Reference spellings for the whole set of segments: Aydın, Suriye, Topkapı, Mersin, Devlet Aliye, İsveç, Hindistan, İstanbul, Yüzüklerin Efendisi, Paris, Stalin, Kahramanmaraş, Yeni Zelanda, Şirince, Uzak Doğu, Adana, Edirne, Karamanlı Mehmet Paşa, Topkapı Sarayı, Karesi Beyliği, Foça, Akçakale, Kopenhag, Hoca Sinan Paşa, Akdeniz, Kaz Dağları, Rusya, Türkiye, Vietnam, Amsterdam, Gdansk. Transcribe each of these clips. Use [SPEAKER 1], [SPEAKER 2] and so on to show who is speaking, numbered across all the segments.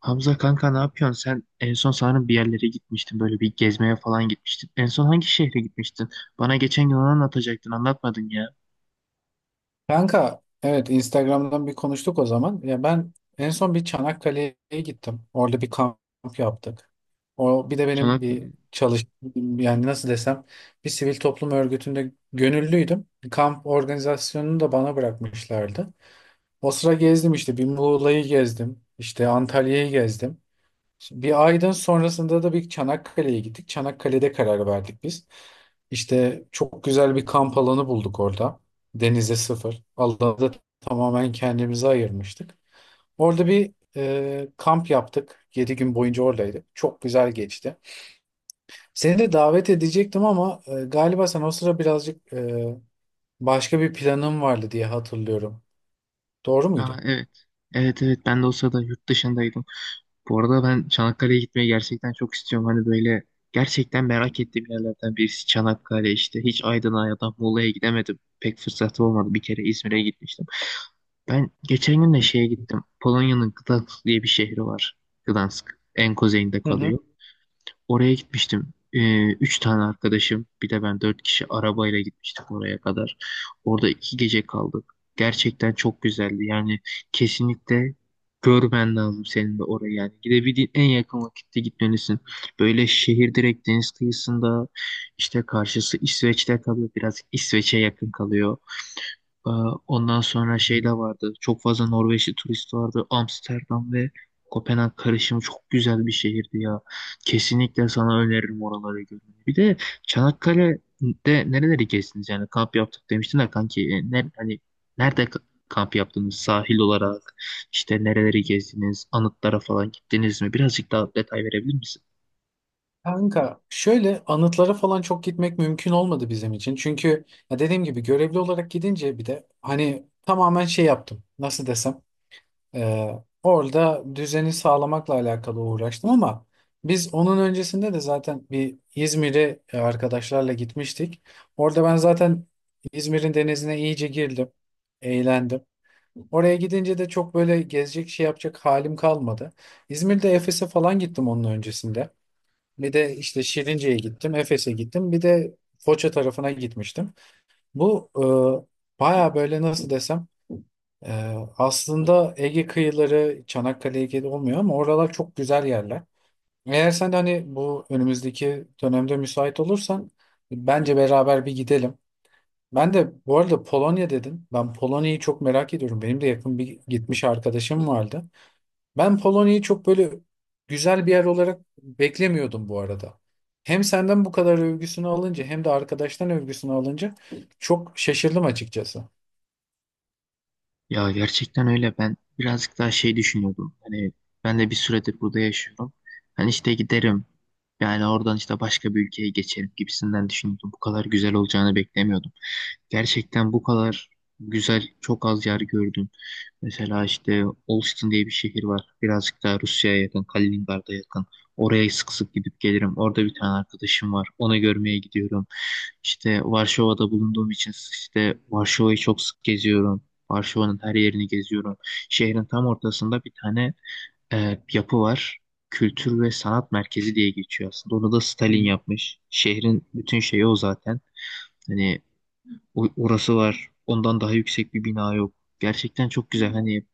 [SPEAKER 1] Hamza kanka ne yapıyorsun? Sen en son sanırım bir yerlere gitmiştin. Böyle bir gezmeye falan gitmiştin. En son hangi şehre gitmiştin? Bana geçen gün onu anlatacaktın. Anlatmadın ya.
[SPEAKER 2] Kanka evet Instagram'dan bir konuştuk o zaman. Ya ben en son bir Çanakkale'ye gittim. Orada bir kamp yaptık. O bir de benim bir
[SPEAKER 1] Çanakkale.
[SPEAKER 2] çalış yani nasıl desem bir sivil toplum örgütünde gönüllüydüm. Kamp organizasyonunu da bana bırakmışlardı. O sıra gezdim işte bir Muğla'yı gezdim. İşte Antalya'yı gezdim. Şimdi bir aydan sonrasında da bir Çanakkale'ye gittik. Çanakkale'de karar verdik biz. İşte çok güzel bir kamp alanı bulduk orada. Denize sıfır. Alanı da tamamen kendimize ayırmıştık. Orada bir kamp yaptık. 7 gün boyunca oradaydık. Çok güzel geçti. Seni de davet edecektim ama galiba sen o sıra birazcık başka bir planın vardı diye hatırlıyorum. Doğru
[SPEAKER 1] Aa,
[SPEAKER 2] muydu?
[SPEAKER 1] evet. Evet, evet, ben de o sırada yurt dışındaydım. Bu arada ben Çanakkale'ye gitmeyi gerçekten çok istiyorum. Hani böyle gerçekten merak ettiğim yerlerden birisi Çanakkale işte. Hiç Aydın'a ya da Muğla'ya gidemedim. Pek fırsatım olmadı. Bir kere İzmir'e gitmiştim. Ben geçen gün de şeye gittim. Polonya'nın Gdansk diye bir şehri var. Gdansk. En kuzeyinde
[SPEAKER 2] Hı hı.
[SPEAKER 1] kalıyor. Oraya gitmiştim. Üç tane arkadaşım, bir de ben dört kişi arabayla gitmiştik oraya kadar. Orada iki gece kaldık. Gerçekten çok güzeldi. Yani kesinlikle görmen lazım senin de oraya. Yani gidebildiğin en yakın vakitte gitmelisin. Böyle şehir direkt deniz kıyısında, işte karşısı İsveç'te kalıyor. Biraz İsveç'e yakın kalıyor. Ee, Ondan sonra
[SPEAKER 2] Hı
[SPEAKER 1] şey
[SPEAKER 2] hı.
[SPEAKER 1] de vardı. Çok fazla Norveçli turist vardı. Amsterdam ve Kopenhag karışımı çok güzel bir şehirdi ya. Kesinlikle sana öneririm oraları görmeni. Bir de Çanakkale'de nereleri gezdiniz? Yani kamp yaptık demiştin de kanki. Ne, hani nerede kamp yaptınız? Sahil olarak işte nereleri gezdiniz? Anıtlara falan gittiniz mi? Birazcık daha detay verebilir misin?
[SPEAKER 2] Kanka şöyle anıtlara falan çok gitmek mümkün olmadı bizim için. Çünkü ya dediğim gibi görevli olarak gidince bir de hani tamamen şey yaptım. Nasıl desem e, orada düzeni sağlamakla alakalı uğraştım ama biz onun öncesinde de zaten bir İzmir'e arkadaşlarla gitmiştik. Orada ben zaten İzmir'in denizine iyice girdim. Eğlendim. Oraya gidince de çok böyle gezecek şey yapacak halim kalmadı. İzmir'de Efes'e falan gittim onun öncesinde. Bir de işte Şirince'ye gittim, Efes'e gittim. Bir de Foça tarafına gitmiştim. Bu baya böyle nasıl desem e, aslında Ege kıyıları Çanakkale Ege'de olmuyor ama oralar çok güzel yerler. Eğer sen de hani bu önümüzdeki dönemde müsait olursan bence beraber bir gidelim. Ben de bu arada Polonya dedin. Ben Polonya'yı çok merak ediyorum. Benim de yakın bir gitmiş arkadaşım vardı. Ben Polonya'yı çok böyle güzel bir yer olarak beklemiyordum bu arada. Hem senden bu kadar övgüsünü alınca hem de arkadaştan övgüsünü alınca çok şaşırdım açıkçası.
[SPEAKER 1] Ya gerçekten öyle. Ben birazcık daha şey düşünüyordum. Hani ben de bir süredir burada yaşıyorum. Hani işte giderim. Yani oradan işte başka bir ülkeye geçerim gibisinden düşünüyordum. Bu kadar güzel olacağını beklemiyordum. Gerçekten bu kadar güzel çok az yer gördüm. Mesela işte Olsztyn diye bir şehir var. Birazcık daha Rusya'ya yakın, Kaliningrad'a yakın. Oraya sık sık gidip gelirim. Orada bir tane arkadaşım var. Onu görmeye gidiyorum. İşte Varşova'da bulunduğum için işte Varşova'yı çok sık geziyorum. Varşova'nın her yerini geziyorum. Şehrin tam ortasında bir tane yapı var. Kültür ve Sanat Merkezi diye geçiyor aslında. Onu da
[SPEAKER 2] Hı.
[SPEAKER 1] Stalin yapmış. Şehrin bütün şeyi o zaten. Hani orası var. Ondan daha yüksek bir bina yok. Gerçekten çok güzel. Hani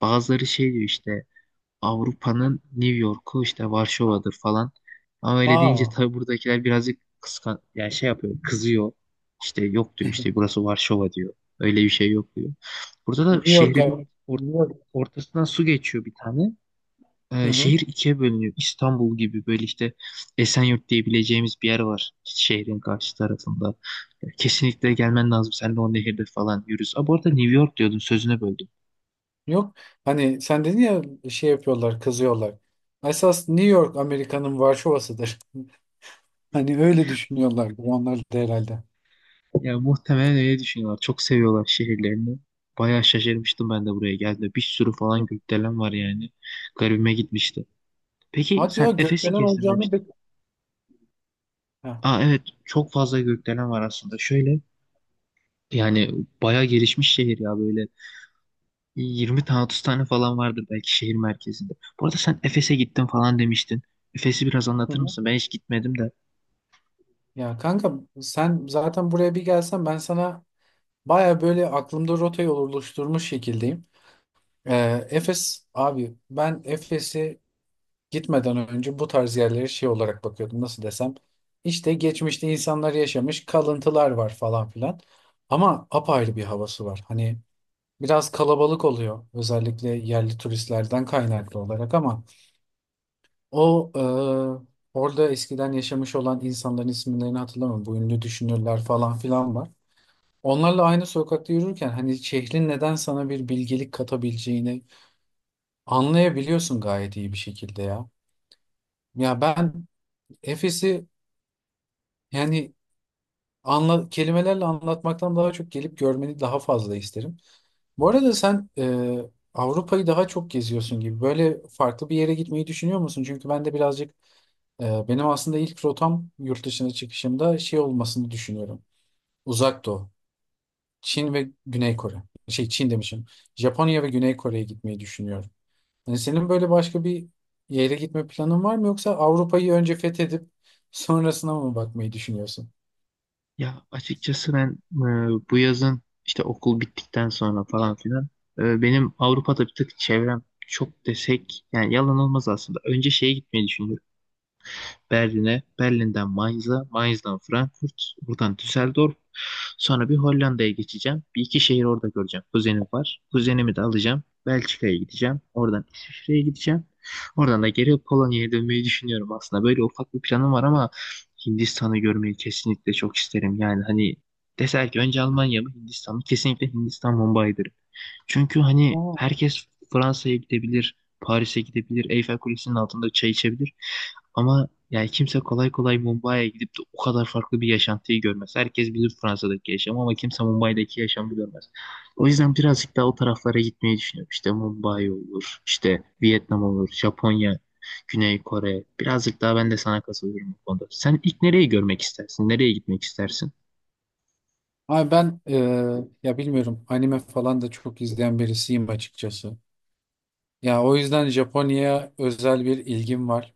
[SPEAKER 1] bazıları şey diyor, işte Avrupa'nın New York'u işte Varşova'dır falan. Ama öyle deyince
[SPEAKER 2] Aa,
[SPEAKER 1] tabii buradakiler birazcık kıskan, yani şey yapıyor, kızıyor. İşte yok diyor, işte burası Varşova diyor. Öyle bir şey yok diyor. Burada da
[SPEAKER 2] New York
[SPEAKER 1] şehri bir
[SPEAKER 2] abi.
[SPEAKER 1] or-
[SPEAKER 2] New York.
[SPEAKER 1] ortasından su geçiyor bir tane.
[SPEAKER 2] Hı
[SPEAKER 1] Şehir
[SPEAKER 2] hı.
[SPEAKER 1] ikiye bölünüyor. İstanbul gibi böyle işte Esenyurt diyebileceğimiz bir yer var şehrin karşı tarafında. Kesinlikle gelmen lazım. Sen de o nehirde falan yürüz. Aa, bu arada New York diyordun, sözüne böldüm.
[SPEAKER 2] Yok. Hani sen dedin ya şey yapıyorlar, kızıyorlar. Esas New York Amerika'nın Varşova'sıdır. Hani öyle düşünüyorlar onlar da herhalde.
[SPEAKER 1] Ya muhtemelen öyle düşünüyorlar. Çok seviyorlar şehirlerini. Bayağı şaşırmıştım ben de buraya geldiğimde. Bir sürü falan gökdelen var yani. Garibime gitmişti. Peki
[SPEAKER 2] Hadi ya
[SPEAKER 1] sen Efes'i
[SPEAKER 2] gökdelen
[SPEAKER 1] gezdin
[SPEAKER 2] olacağını.
[SPEAKER 1] demiştin.
[SPEAKER 2] Ha.
[SPEAKER 1] Aa, evet, çok fazla gökdelen var aslında. Şöyle, yani bayağı gelişmiş şehir ya, böyle 20 tane 30 tane falan vardır belki şehir merkezinde. Bu arada sen Efes'e gittin falan demiştin. Efes'i biraz
[SPEAKER 2] Hı
[SPEAKER 1] anlatır
[SPEAKER 2] hı.
[SPEAKER 1] mısın? Ben hiç gitmedim de.
[SPEAKER 2] Ya kanka sen zaten buraya bir gelsen ben sana. Baya böyle aklımda rotayı oluşturmuş şekildeyim. Efes abi ben Efes'e gitmeden önce bu tarz yerlere şey olarak bakıyordum nasıl desem. İşte geçmişte insanlar yaşamış kalıntılar var falan filan. Ama apayrı bir havası var. Hani biraz kalabalık oluyor özellikle yerli turistlerden kaynaklı olarak ama o orada eskiden yaşamış olan insanların isimlerini hatırlamıyorum. Bu ünlü düşünürler falan filan var. Onlarla aynı sokakta yürürken hani şehrin neden sana bir bilgelik katabileceğini anlayabiliyorsun gayet iyi bir şekilde ya. Ya ben Efes'i yani kelimelerle anlatmaktan daha çok gelip görmeni daha fazla isterim. Bu arada sen Avrupa'yı daha çok geziyorsun gibi. Böyle farklı bir yere gitmeyi düşünüyor musun? Çünkü ben de birazcık benim aslında ilk rotam yurt dışına çıkışımda şey olmasını düşünüyorum. Uzak Doğu. Çin ve Güney Kore. Şey Çin demişim. Japonya ve Güney Kore'ye gitmeyi düşünüyorum. Yani senin böyle başka bir yere gitme planın var mı yoksa Avrupa'yı önce fethedip sonrasına mı bakmayı düşünüyorsun?
[SPEAKER 1] Ya açıkçası ben bu yazın işte okul bittikten sonra falan filan benim Avrupa'da bir tık çevrem çok desek yani yalan olmaz aslında. Önce şeye gitmeyi düşünüyorum. Berlin'e, Berlin'den Mainz'a, Mainz'dan Frankfurt, buradan Düsseldorf. Sonra bir Hollanda'ya geçeceğim. Bir iki şehir orada göreceğim. Kuzenim var. Kuzenimi de alacağım. Belçika'ya gideceğim. Oradan İsviçre'ye gideceğim. Oradan da geri Polonya'ya dönmeyi düşünüyorum aslında. Böyle ufak bir planım var ama Hindistan'ı görmeyi kesinlikle çok isterim. Yani hani deser ki önce Almanya mı Hindistan mı? Kesinlikle Hindistan Mumbai'dir. Çünkü hani
[SPEAKER 2] Aa.
[SPEAKER 1] herkes Fransa'ya gidebilir, Paris'e gidebilir, Eyfel Kulesi'nin altında çay içebilir. Ama yani kimse kolay kolay Mumbai'ye gidip de o kadar farklı bir yaşantıyı görmez. Herkes bilir Fransa'daki yaşamı ama kimse Mumbai'deki yaşamı görmez. O yüzden birazcık daha o taraflara gitmeyi düşünüyorum. İşte Mumbai olur, işte Vietnam olur, Japonya, Güney Kore. Birazcık daha ben de sana katılıyorum bu konuda. Sen ilk nereyi görmek istersin? Nereye gitmek istersin?
[SPEAKER 2] Abi ben ya bilmiyorum anime falan da çok izleyen birisiyim açıkçası. Ya o yüzden Japonya'ya özel bir ilgim var.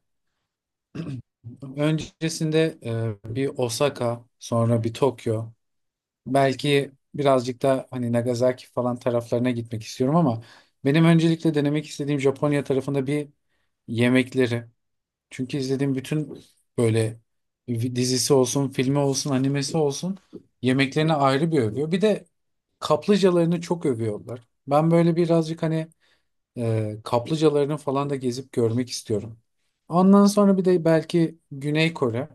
[SPEAKER 2] Öncesinde bir Osaka, sonra bir Tokyo. Belki birazcık da hani Nagasaki falan taraflarına gitmek istiyorum ama benim öncelikle denemek istediğim Japonya tarafında bir yemekleri. Çünkü izlediğim bütün böyle dizisi olsun, filmi olsun, animesi olsun yemeklerini ayrı bir övüyor. Bir de kaplıcalarını çok övüyorlar. Ben böyle birazcık hani kaplıcalarını falan da gezip görmek istiyorum. Ondan sonra bir de belki Güney Kore.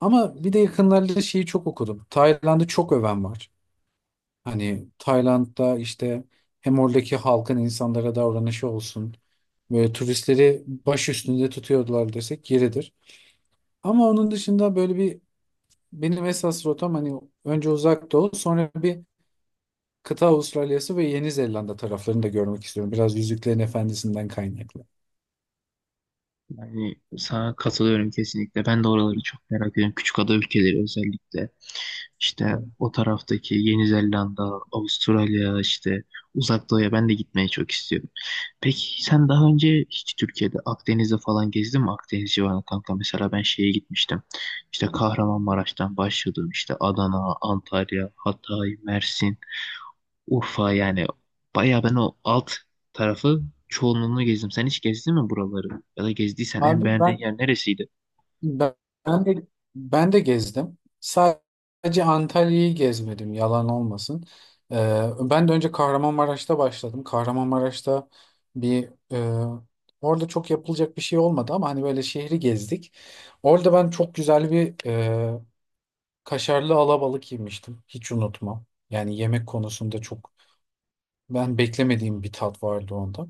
[SPEAKER 2] Ama bir de yakınlarda şeyi çok okudum. Tayland'ı çok öven var. Hani Tayland'da işte hem oradaki halkın insanlara davranışı olsun. Böyle turistleri baş üstünde tutuyordular desek yeridir. Ama onun dışında böyle bir benim esas rotam hani önce Uzak Doğu sonra bir kıta Avustralya'sı ve Yeni Zelanda taraflarını da görmek istiyorum. Biraz Yüzüklerin Efendisi'nden kaynaklı.
[SPEAKER 1] Yani sana katılıyorum kesinlikle. Ben de oraları çok merak ediyorum. Küçükada ülkeleri özellikle. İşte
[SPEAKER 2] Evet.
[SPEAKER 1] o taraftaki Yeni Zelanda, Avustralya, işte Uzak Doğu'ya ben de gitmeye çok istiyorum. Peki sen daha önce hiç Türkiye'de Akdeniz'de falan gezdin mi? Akdeniz civarına kanka. Mesela ben şeye gitmiştim. İşte Kahramanmaraş'tan başladım. İşte Adana, Antalya, Hatay, Mersin. Urfa, yani bayağı ben o alt tarafı çoğunluğunu gezdim. Sen hiç gezdin mi buraları? Ya da gezdiysen en
[SPEAKER 2] Abi
[SPEAKER 1] beğendiğin
[SPEAKER 2] ben
[SPEAKER 1] yer neresiydi?
[SPEAKER 2] Ben ben de ben de gezdim. Sadece Antalya'yı gezmedim, yalan olmasın. Ben de önce Kahramanmaraş'ta başladım. Kahramanmaraş'ta bir orada çok yapılacak bir şey olmadı ama hani böyle şehri gezdik. Orada ben çok güzel bir kaşarlı alabalık yemiştim. Hiç unutmam. Yani yemek konusunda çok ben beklemediğim bir tat vardı onda.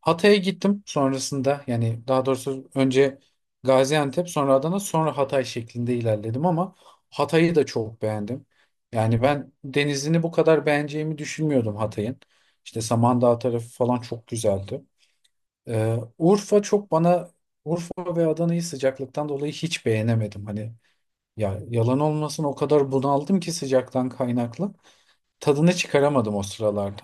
[SPEAKER 2] Hatay'a gittim sonrasında yani daha doğrusu önce Gaziantep sonra Adana sonra Hatay şeklinde ilerledim ama Hatay'ı da çok beğendim. Yani ben denizini bu kadar beğeneceğimi düşünmüyordum Hatay'ın. İşte Samandağ tarafı falan çok güzeldi. Urfa çok bana Urfa ve Adana'yı sıcaklıktan dolayı hiç beğenemedim. Hani ya yalan olmasın o kadar bunaldım ki sıcaktan kaynaklı. Tadını çıkaramadım o sıralarda.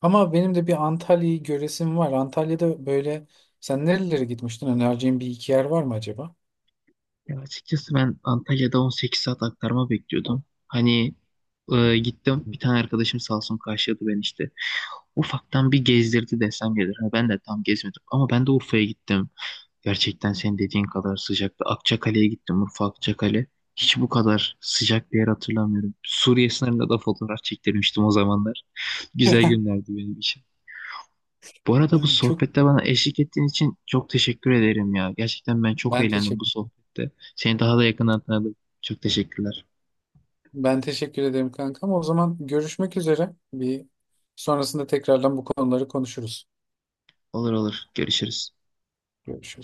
[SPEAKER 2] Ama benim de bir Antalya'yı göresim var. Antalya'da böyle sen nerelere gitmiştin? Önereceğin bir iki yer var mı acaba?
[SPEAKER 1] Ya açıkçası ben Antalya'da 18 saat aktarma bekliyordum. Hani gittim, bir tane arkadaşım sağ olsun karşıladı beni işte. Ufaktan bir gezdirdi desem gelir. Ha, ben de tam gezmedim ama ben de Urfa'ya gittim. Gerçekten senin dediğin kadar sıcaktı. Akçakale'ye gittim. Urfa Akçakale. Hiç bu kadar sıcak bir yer hatırlamıyorum. Suriye sınırında da fotoğraf çektirmiştim o zamanlar. Güzel günlerdi benim için. Bu arada bu
[SPEAKER 2] Çok
[SPEAKER 1] sohbette bana eşlik ettiğin için çok teşekkür ederim ya. Gerçekten ben çok
[SPEAKER 2] ben
[SPEAKER 1] eğlendim bu
[SPEAKER 2] teşekkür
[SPEAKER 1] sohbette. Seni daha da yakından tanıdım. Çok teşekkürler.
[SPEAKER 2] ben teşekkür ederim kanka ama o zaman görüşmek üzere. Bir sonrasında tekrardan bu konuları konuşuruz.
[SPEAKER 1] Olur, olur. Görüşürüz.
[SPEAKER 2] Görüşürüz.